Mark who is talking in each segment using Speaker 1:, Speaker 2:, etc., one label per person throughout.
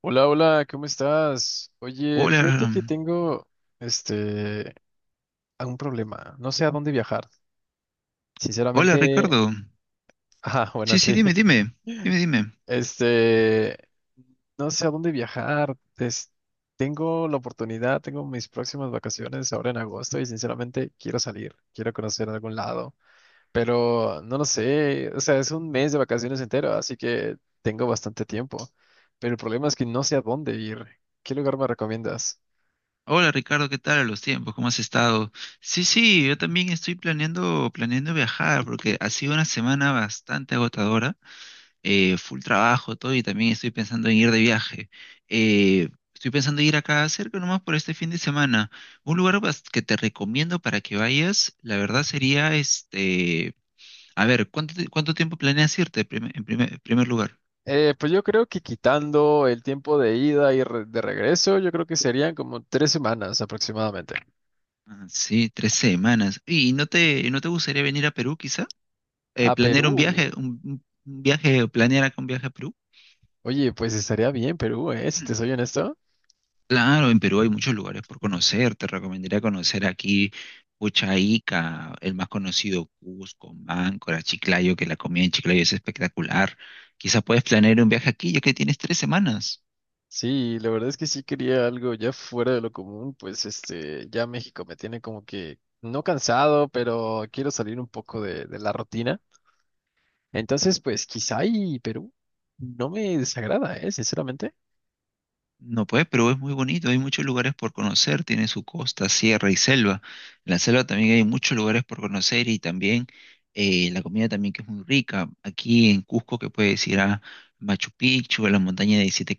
Speaker 1: Hola, hola, ¿cómo estás? Oye, fíjate
Speaker 2: Hola,
Speaker 1: que tengo este un problema. No sé a dónde viajar.
Speaker 2: hola
Speaker 1: Sinceramente,
Speaker 2: Ricardo.
Speaker 1: ah, bueno,
Speaker 2: Sí, sí,
Speaker 1: sí.
Speaker 2: dime, dime, dime, dime.
Speaker 1: Este, no sé a dónde viajar. Tengo la oportunidad, tengo mis próximas vacaciones ahora en agosto y sinceramente quiero salir, quiero conocer algún lado, pero no lo sé. O sea, es un mes de vacaciones entero, así que tengo bastante tiempo. Pero el problema es que no sé a dónde ir. ¿Qué lugar me recomiendas?
Speaker 2: Hola Ricardo, ¿qué tal a los tiempos? ¿Cómo has estado? Sí, sí, yo también estoy planeando viajar porque ha sido una semana bastante agotadora, full trabajo, todo, y también estoy pensando en ir de viaje. Eh, estoy pensando en ir acá cerca nomás por este fin de semana. Un lugar que te recomiendo para que vayas, la verdad sería a ver, ¿cuánto tiempo planeas irte en primer lugar?
Speaker 1: Pues yo creo que quitando el tiempo de ida y de regreso, yo creo que serían como 3 semanas aproximadamente.
Speaker 2: Ah, sí, 3 semanas. ¿Y no te gustaría venir a Perú, quizá? Eh,
Speaker 1: A
Speaker 2: ¿planear un viaje,
Speaker 1: Perú.
Speaker 2: un viaje, o planear acá un viaje a Perú?
Speaker 1: Oye, pues estaría bien Perú, ¿eh? Si
Speaker 2: Mm.
Speaker 1: te soy honesto.
Speaker 2: Claro, en Perú hay muchos lugares por conocer. Te recomendaría conocer aquí Pucha Ica, el más conocido Cusco, Máncora, Chiclayo, que la comida en Chiclayo es espectacular. Quizá puedes planear un viaje aquí, ya que tienes 3 semanas.
Speaker 1: Sí, la verdad es que sí quería algo ya fuera de lo común, pues ya México me tiene como que no cansado, pero quiero salir un poco de la rutina. Entonces, pues quizá y Perú no me desagrada, ¿eh? Sinceramente.
Speaker 2: No puedes, pero es muy bonito, hay muchos lugares por conocer, tiene su costa, sierra y selva. En la selva también hay muchos lugares por conocer y también la comida también que es muy rica. Aquí en Cusco que puedes ir a Machu Picchu, a la montaña de 17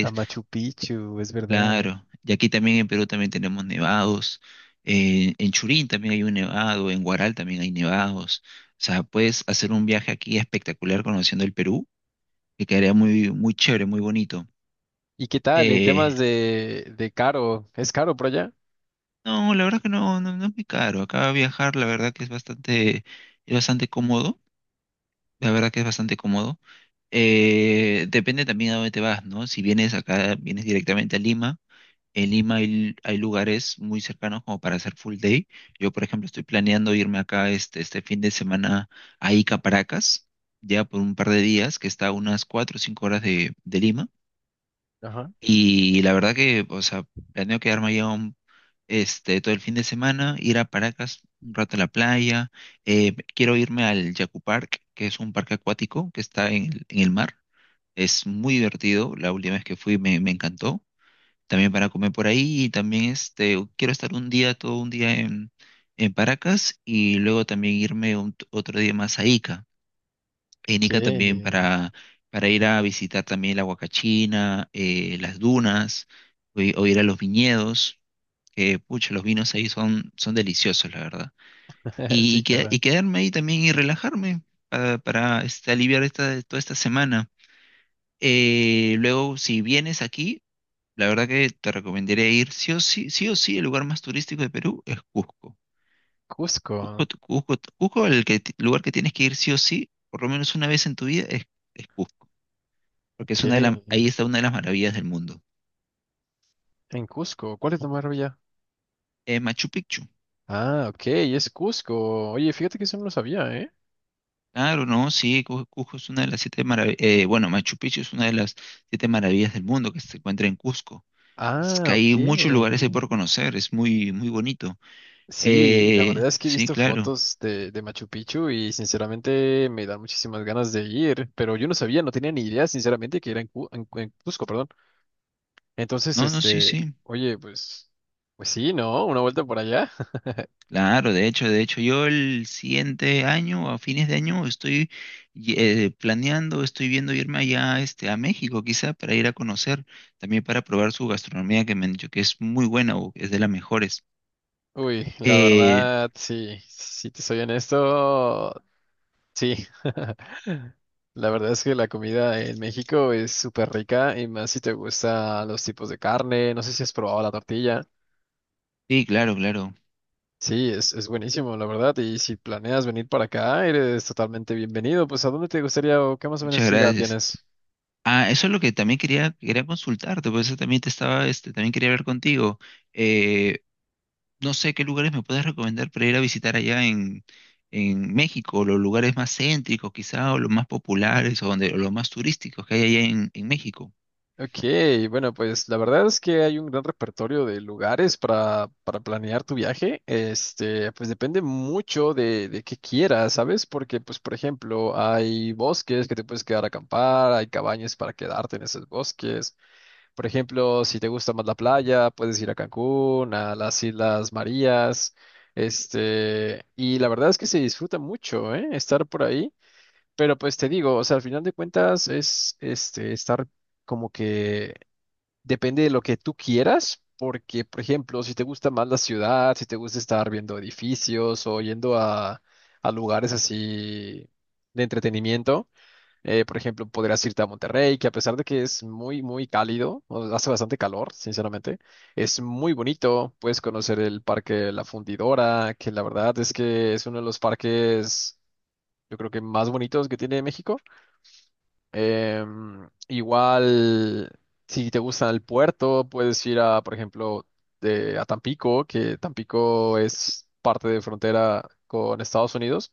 Speaker 1: A Machu Picchu, es verdad.
Speaker 2: claro. Y aquí también en Perú también tenemos nevados. En Churín también hay un nevado, en Huaral también hay nevados. O sea, puedes hacer un viaje aquí espectacular conociendo el Perú, que quedaría muy, muy chévere, muy bonito.
Speaker 1: ¿Y qué tal en
Speaker 2: Eh,
Speaker 1: temas de caro? ¿Es caro por allá?
Speaker 2: No, la verdad que no, no, no es muy caro. Acá viajar, la verdad que es bastante cómodo. La verdad que es bastante cómodo. Depende también a dónde te vas, ¿no? Si vienes acá, vienes directamente a Lima. En Lima hay lugares muy cercanos como para hacer full day. Yo, por ejemplo, estoy planeando irme acá este fin de semana a Ica, Paracas, ya por un par de días, que está a unas 4 o 5 horas de Lima.
Speaker 1: Ajá.
Speaker 2: Y la verdad que, o sea, planeo quedarme allá todo el fin de semana, ir a Paracas un rato a la playa. Quiero irme al Yacu Park, que es un parque acuático que está en el mar. Es muy divertido. La última vez que fui me encantó. También para comer por ahí y también quiero estar un día, todo un día en Paracas y luego también irme otro día más a Ica en
Speaker 1: Ok.
Speaker 2: Ica también para ir a visitar también la Huacachina, las dunas, o ir a los viñedos, que pucha, los vinos ahí son deliciosos, la verdad. Y,
Speaker 1: Sí,
Speaker 2: y, que- y
Speaker 1: claro.
Speaker 2: quedarme ahí también y relajarme aliviar esta, toda esta semana. Luego, si vienes aquí, la verdad que te recomendaría ir sí o sí, el lugar más turístico de Perú es Cusco.
Speaker 1: Cusco.
Speaker 2: Cusco, Cusco, Cusco, lugar que tienes que ir sí o sí, por lo menos una vez en tu vida, es Cusco. Porque
Speaker 1: Ok.
Speaker 2: es una de la- ahí está una de las maravillas del mundo.
Speaker 1: En Cusco. ¿Cuál es la maravilla?
Speaker 2: Machu Picchu.
Speaker 1: Ah, ok. Es Cusco. Oye, fíjate que eso no lo sabía, ¿eh?
Speaker 2: Claro, no, sí, Cusco es una de las siete maravillas, bueno, Machu Picchu es una de las siete maravillas del mundo que se encuentra en Cusco. Es
Speaker 1: Ah,
Speaker 2: que
Speaker 1: ok.
Speaker 2: hay muchos lugares ahí por conocer, es muy, muy bonito.
Speaker 1: Sí, la
Speaker 2: Eh,
Speaker 1: verdad es que he
Speaker 2: sí,
Speaker 1: visto
Speaker 2: claro.
Speaker 1: fotos de Machu Picchu y sinceramente me dan muchísimas ganas de ir, pero yo no sabía, no tenía ni idea, sinceramente, que era en, Cu- en Cusco, perdón. Entonces,
Speaker 2: No, no, sí, sí.
Speaker 1: oye, pues sí, ¿no? Una vuelta por allá.
Speaker 2: Claro, de hecho, yo el siguiente año, a fines de año, planeando, estoy viendo irme allá a México, quizá para ir a conocer, también para probar su gastronomía, que me han dicho que es muy buena o es de las mejores.
Speaker 1: Uy, la
Speaker 2: Eh,
Speaker 1: verdad, sí, si te soy honesto, sí. La verdad es que la comida en México es súper rica y más si te gustan los tipos de carne. No sé si has probado la tortilla.
Speaker 2: sí, claro, claro.
Speaker 1: Sí, es buenísimo, la verdad. Y si planeas venir para acá, eres totalmente bienvenido. Pues, ¿a dónde te gustaría o qué más o menos
Speaker 2: Muchas
Speaker 1: ciudad
Speaker 2: gracias.
Speaker 1: tienes?
Speaker 2: Ah, eso es lo que también quería consultarte, por eso también te estaba, también quería hablar contigo. Eh, no sé qué lugares me puedes recomendar para ir a visitar allá en México, los lugares más céntricos quizá, o los más populares, o los más turísticos que hay allá en México.
Speaker 1: Ok, bueno, pues la verdad es que hay un gran repertorio de lugares para planear tu viaje. Pues depende mucho de qué quieras, ¿sabes? Porque, pues, por ejemplo, hay bosques que te puedes quedar a acampar, hay cabañas para quedarte en esos bosques. Por ejemplo, si te gusta más la playa, puedes ir a Cancún, a las Islas Marías. Y la verdad es que se disfruta mucho, ¿eh? Estar por ahí. Pero pues te digo, o sea, al final de cuentas es, estar como que depende de lo que tú quieras, porque, por ejemplo, si te gusta más la ciudad, si te gusta estar viendo edificios o yendo a lugares así de entretenimiento, por ejemplo, podrías irte a Monterrey, que a pesar de que es muy, muy cálido, hace bastante calor, sinceramente, es muy bonito, puedes conocer el Parque La Fundidora, que la verdad es que es uno de los parques, yo creo que más bonitos que tiene México. Igual, si te gusta el puerto, puedes ir a, por ejemplo, a Tampico, que Tampico es parte de frontera con Estados Unidos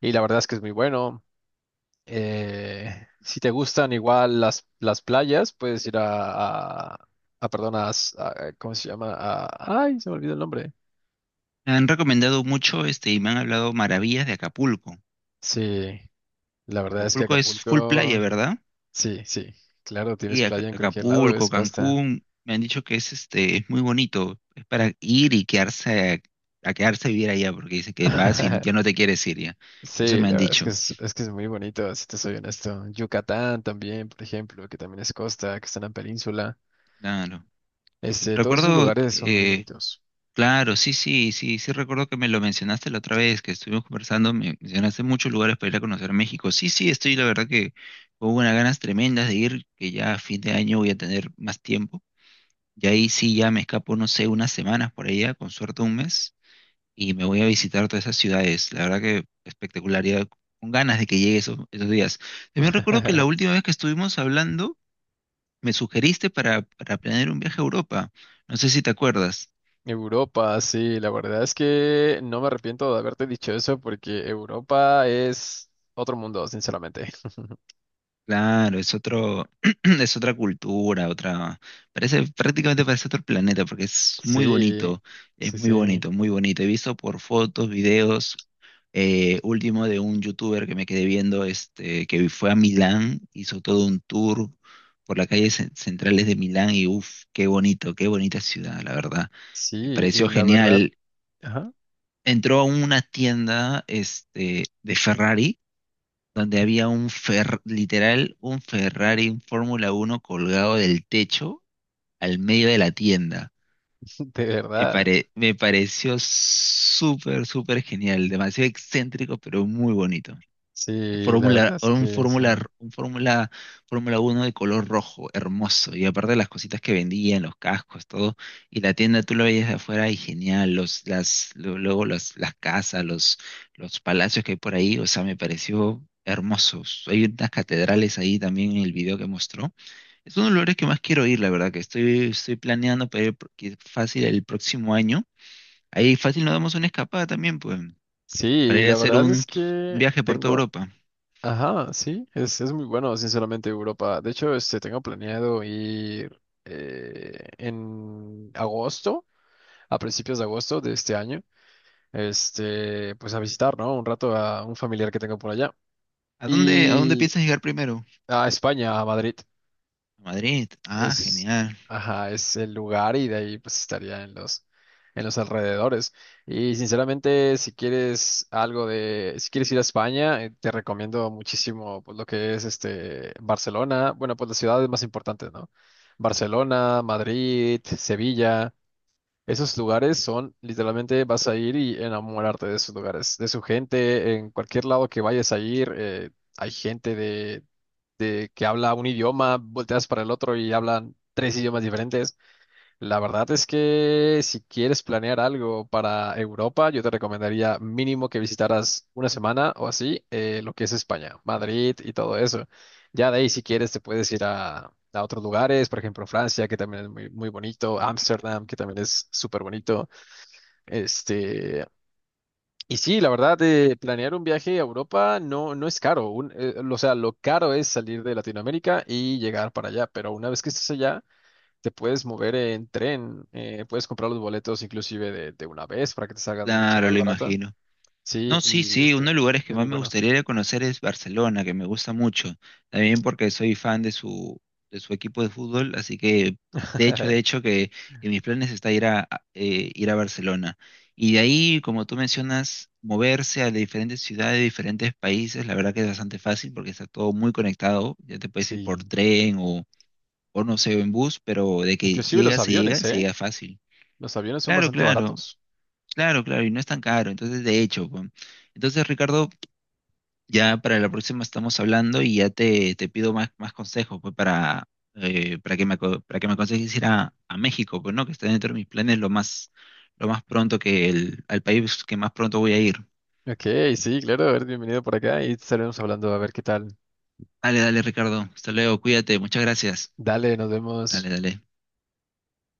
Speaker 1: y la verdad es que es muy bueno. Eh, si te gustan igual las playas, puedes ir perdón, ¿cómo se llama? A- ay, se me olvidó el nombre.
Speaker 2: Me han recomendado mucho y me han hablado maravillas de Acapulco.
Speaker 1: Sí, la verdad es que
Speaker 2: Acapulco es full playa,
Speaker 1: Acapulco,
Speaker 2: ¿verdad?
Speaker 1: sí, sí, claro, tienes
Speaker 2: Y
Speaker 1: playa en cualquier lado,
Speaker 2: Acapulco,
Speaker 1: es costa.
Speaker 2: Cancún, me han dicho que es muy bonito, es para ir y quedarse a quedarse a vivir allá, porque dice que vas y ya no te quieres ir ya. Eso
Speaker 1: Sí,
Speaker 2: me
Speaker 1: la
Speaker 2: han
Speaker 1: verdad es que
Speaker 2: dicho.
Speaker 1: es que es muy bonito, si te soy honesto. Yucatán también, por ejemplo, que también es costa, que está en la península.
Speaker 2: Claro.
Speaker 1: Este, todos esos
Speaker 2: Recuerdo
Speaker 1: lugares son muy bonitos.
Speaker 2: Claro, sí, sí, sí, sí recuerdo que me lo mencionaste la otra vez que estuvimos conversando, me mencionaste muchos lugares para ir a conocer México. Sí, sí, estoy la verdad que con unas ganas tremendas de ir, que ya a fin de año voy a tener más tiempo. Y ahí sí ya me escapo, no sé, unas semanas por allá, con suerte un mes, y me voy a visitar todas esas ciudades. La verdad que espectacular, ya con ganas de que llegue esos días. También recuerdo que la última vez que estuvimos hablando, me sugeriste para planear un viaje a Europa. No sé si te acuerdas.
Speaker 1: Europa, sí, la verdad es que no me arrepiento de haberte dicho eso porque Europa es otro mundo, sinceramente.
Speaker 2: Claro, es otro, es otra cultura, otra, prácticamente parece otro planeta, porque
Speaker 1: Sí,
Speaker 2: es
Speaker 1: sí,
Speaker 2: muy
Speaker 1: sí,
Speaker 2: bonito, muy bonito. He visto por fotos, videos, último de un youtuber que me quedé viendo, que fue a Milán, hizo todo un tour por las calles centrales de Milán y uff, qué bonito, qué bonita ciudad, la verdad. Me
Speaker 1: sí, y
Speaker 2: pareció
Speaker 1: la verdad,
Speaker 2: genial.
Speaker 1: ajá,
Speaker 2: Entró a una tienda, de Ferrari donde había literal un Ferrari, un Fórmula 1 colgado del techo al medio de la tienda.
Speaker 1: de
Speaker 2: Me
Speaker 1: verdad,
Speaker 2: pare- me pareció súper, súper genial, demasiado excéntrico, pero muy bonito.
Speaker 1: sí, la verdad
Speaker 2: Fórmula,
Speaker 1: es
Speaker 2: un
Speaker 1: que
Speaker 2: Fórmula,
Speaker 1: sí.
Speaker 2: un Fórmula, Fórmula uno de color rojo, hermoso. Y aparte las cositas que vendían, los cascos, todo. Y la tienda tú lo veías de afuera y genial. Luego las casas, los palacios que hay por ahí, o sea, me pareció hermosos. Hay unas catedrales ahí también en el video que mostró. Es uno de los lugares que más quiero ir, la verdad, que estoy planeando para ir que fácil el próximo año. Ahí fácil nos damos una escapada también, pues, para
Speaker 1: Sí,
Speaker 2: ir a
Speaker 1: la
Speaker 2: hacer
Speaker 1: verdad
Speaker 2: un,
Speaker 1: es
Speaker 2: un
Speaker 1: que
Speaker 2: viaje por toda
Speaker 1: tengo...
Speaker 2: Europa.
Speaker 1: Ajá, sí, es muy bueno, sinceramente, Europa. De hecho, tengo planeado ir en agosto, a principios de agosto de este año, pues a visitar, ¿no? Un rato a un familiar que tengo por allá.
Speaker 2: ¿A dónde
Speaker 1: Y
Speaker 2: piensas llegar primero?
Speaker 1: a España, a Madrid.
Speaker 2: A Madrid. Ah,
Speaker 1: Es,
Speaker 2: genial.
Speaker 1: ajá, es el lugar y de ahí pues estaría en en los alrededores. Y sinceramente, si quieres ir a España, te recomiendo muchísimo pues, lo que es Barcelona. Bueno, pues las ciudades más importantes, ¿no? Barcelona, Madrid, Sevilla. Esos lugares son, literalmente vas a ir y enamorarte de esos lugares, de su gente, en cualquier lado que vayas a ir, hay gente de, que habla un idioma, volteas para el otro y hablan tres idiomas diferentes. La verdad es que si quieres planear algo para Europa, yo te recomendaría mínimo que visitaras una semana o así lo que es España, Madrid y todo eso. Ya de ahí, si quieres, te puedes ir a otros lugares, por ejemplo, Francia, que también es muy, muy bonito, Ámsterdam, que también es súper bonito. Este, y sí, la verdad, planear un viaje a Europa no es caro. O sea, lo caro es salir de Latinoamérica y llegar para allá, pero una vez que estés allá te puedes mover en tren, puedes comprar los boletos inclusive de una vez para que te salgan mucho
Speaker 2: Claro,
Speaker 1: más
Speaker 2: lo
Speaker 1: barato.
Speaker 2: imagino.
Speaker 1: Sí,
Speaker 2: No, sí, sí, uno de los lugares que
Speaker 1: es
Speaker 2: más
Speaker 1: muy
Speaker 2: me
Speaker 1: bueno.
Speaker 2: gustaría ir a conocer es Barcelona, que me gusta mucho. También porque soy fan de su equipo de fútbol, así que de hecho que en mis planes está ir a Barcelona. Y de ahí, como tú mencionas, moverse a diferentes ciudades, diferentes países, la verdad que es bastante fácil porque está todo muy conectado. Ya te puedes ir por
Speaker 1: Sí,
Speaker 2: tren o no sé, en bus, pero de que
Speaker 1: inclusive
Speaker 2: llega,
Speaker 1: los
Speaker 2: se llega,
Speaker 1: aviones,
Speaker 2: se
Speaker 1: ¿eh?
Speaker 2: llega fácil.
Speaker 1: Los aviones son
Speaker 2: Claro,
Speaker 1: bastante
Speaker 2: claro,
Speaker 1: baratos.
Speaker 2: claro, claro, y no es tan caro, entonces de hecho, pues. Entonces, Ricardo, ya para la próxima estamos hablando y ya te pido más consejos, pues, para que me aconsejes ir a México, pues, ¿no? Que está dentro de mis planes lo más pronto que al país que más pronto voy a ir.
Speaker 1: Ok, sí, claro, a ver, bienvenido por acá y estaremos hablando a ver qué tal.
Speaker 2: Dale, dale, Ricardo, hasta luego, cuídate, muchas gracias.
Speaker 1: Dale, nos
Speaker 2: Dale,
Speaker 1: vemos.
Speaker 2: dale.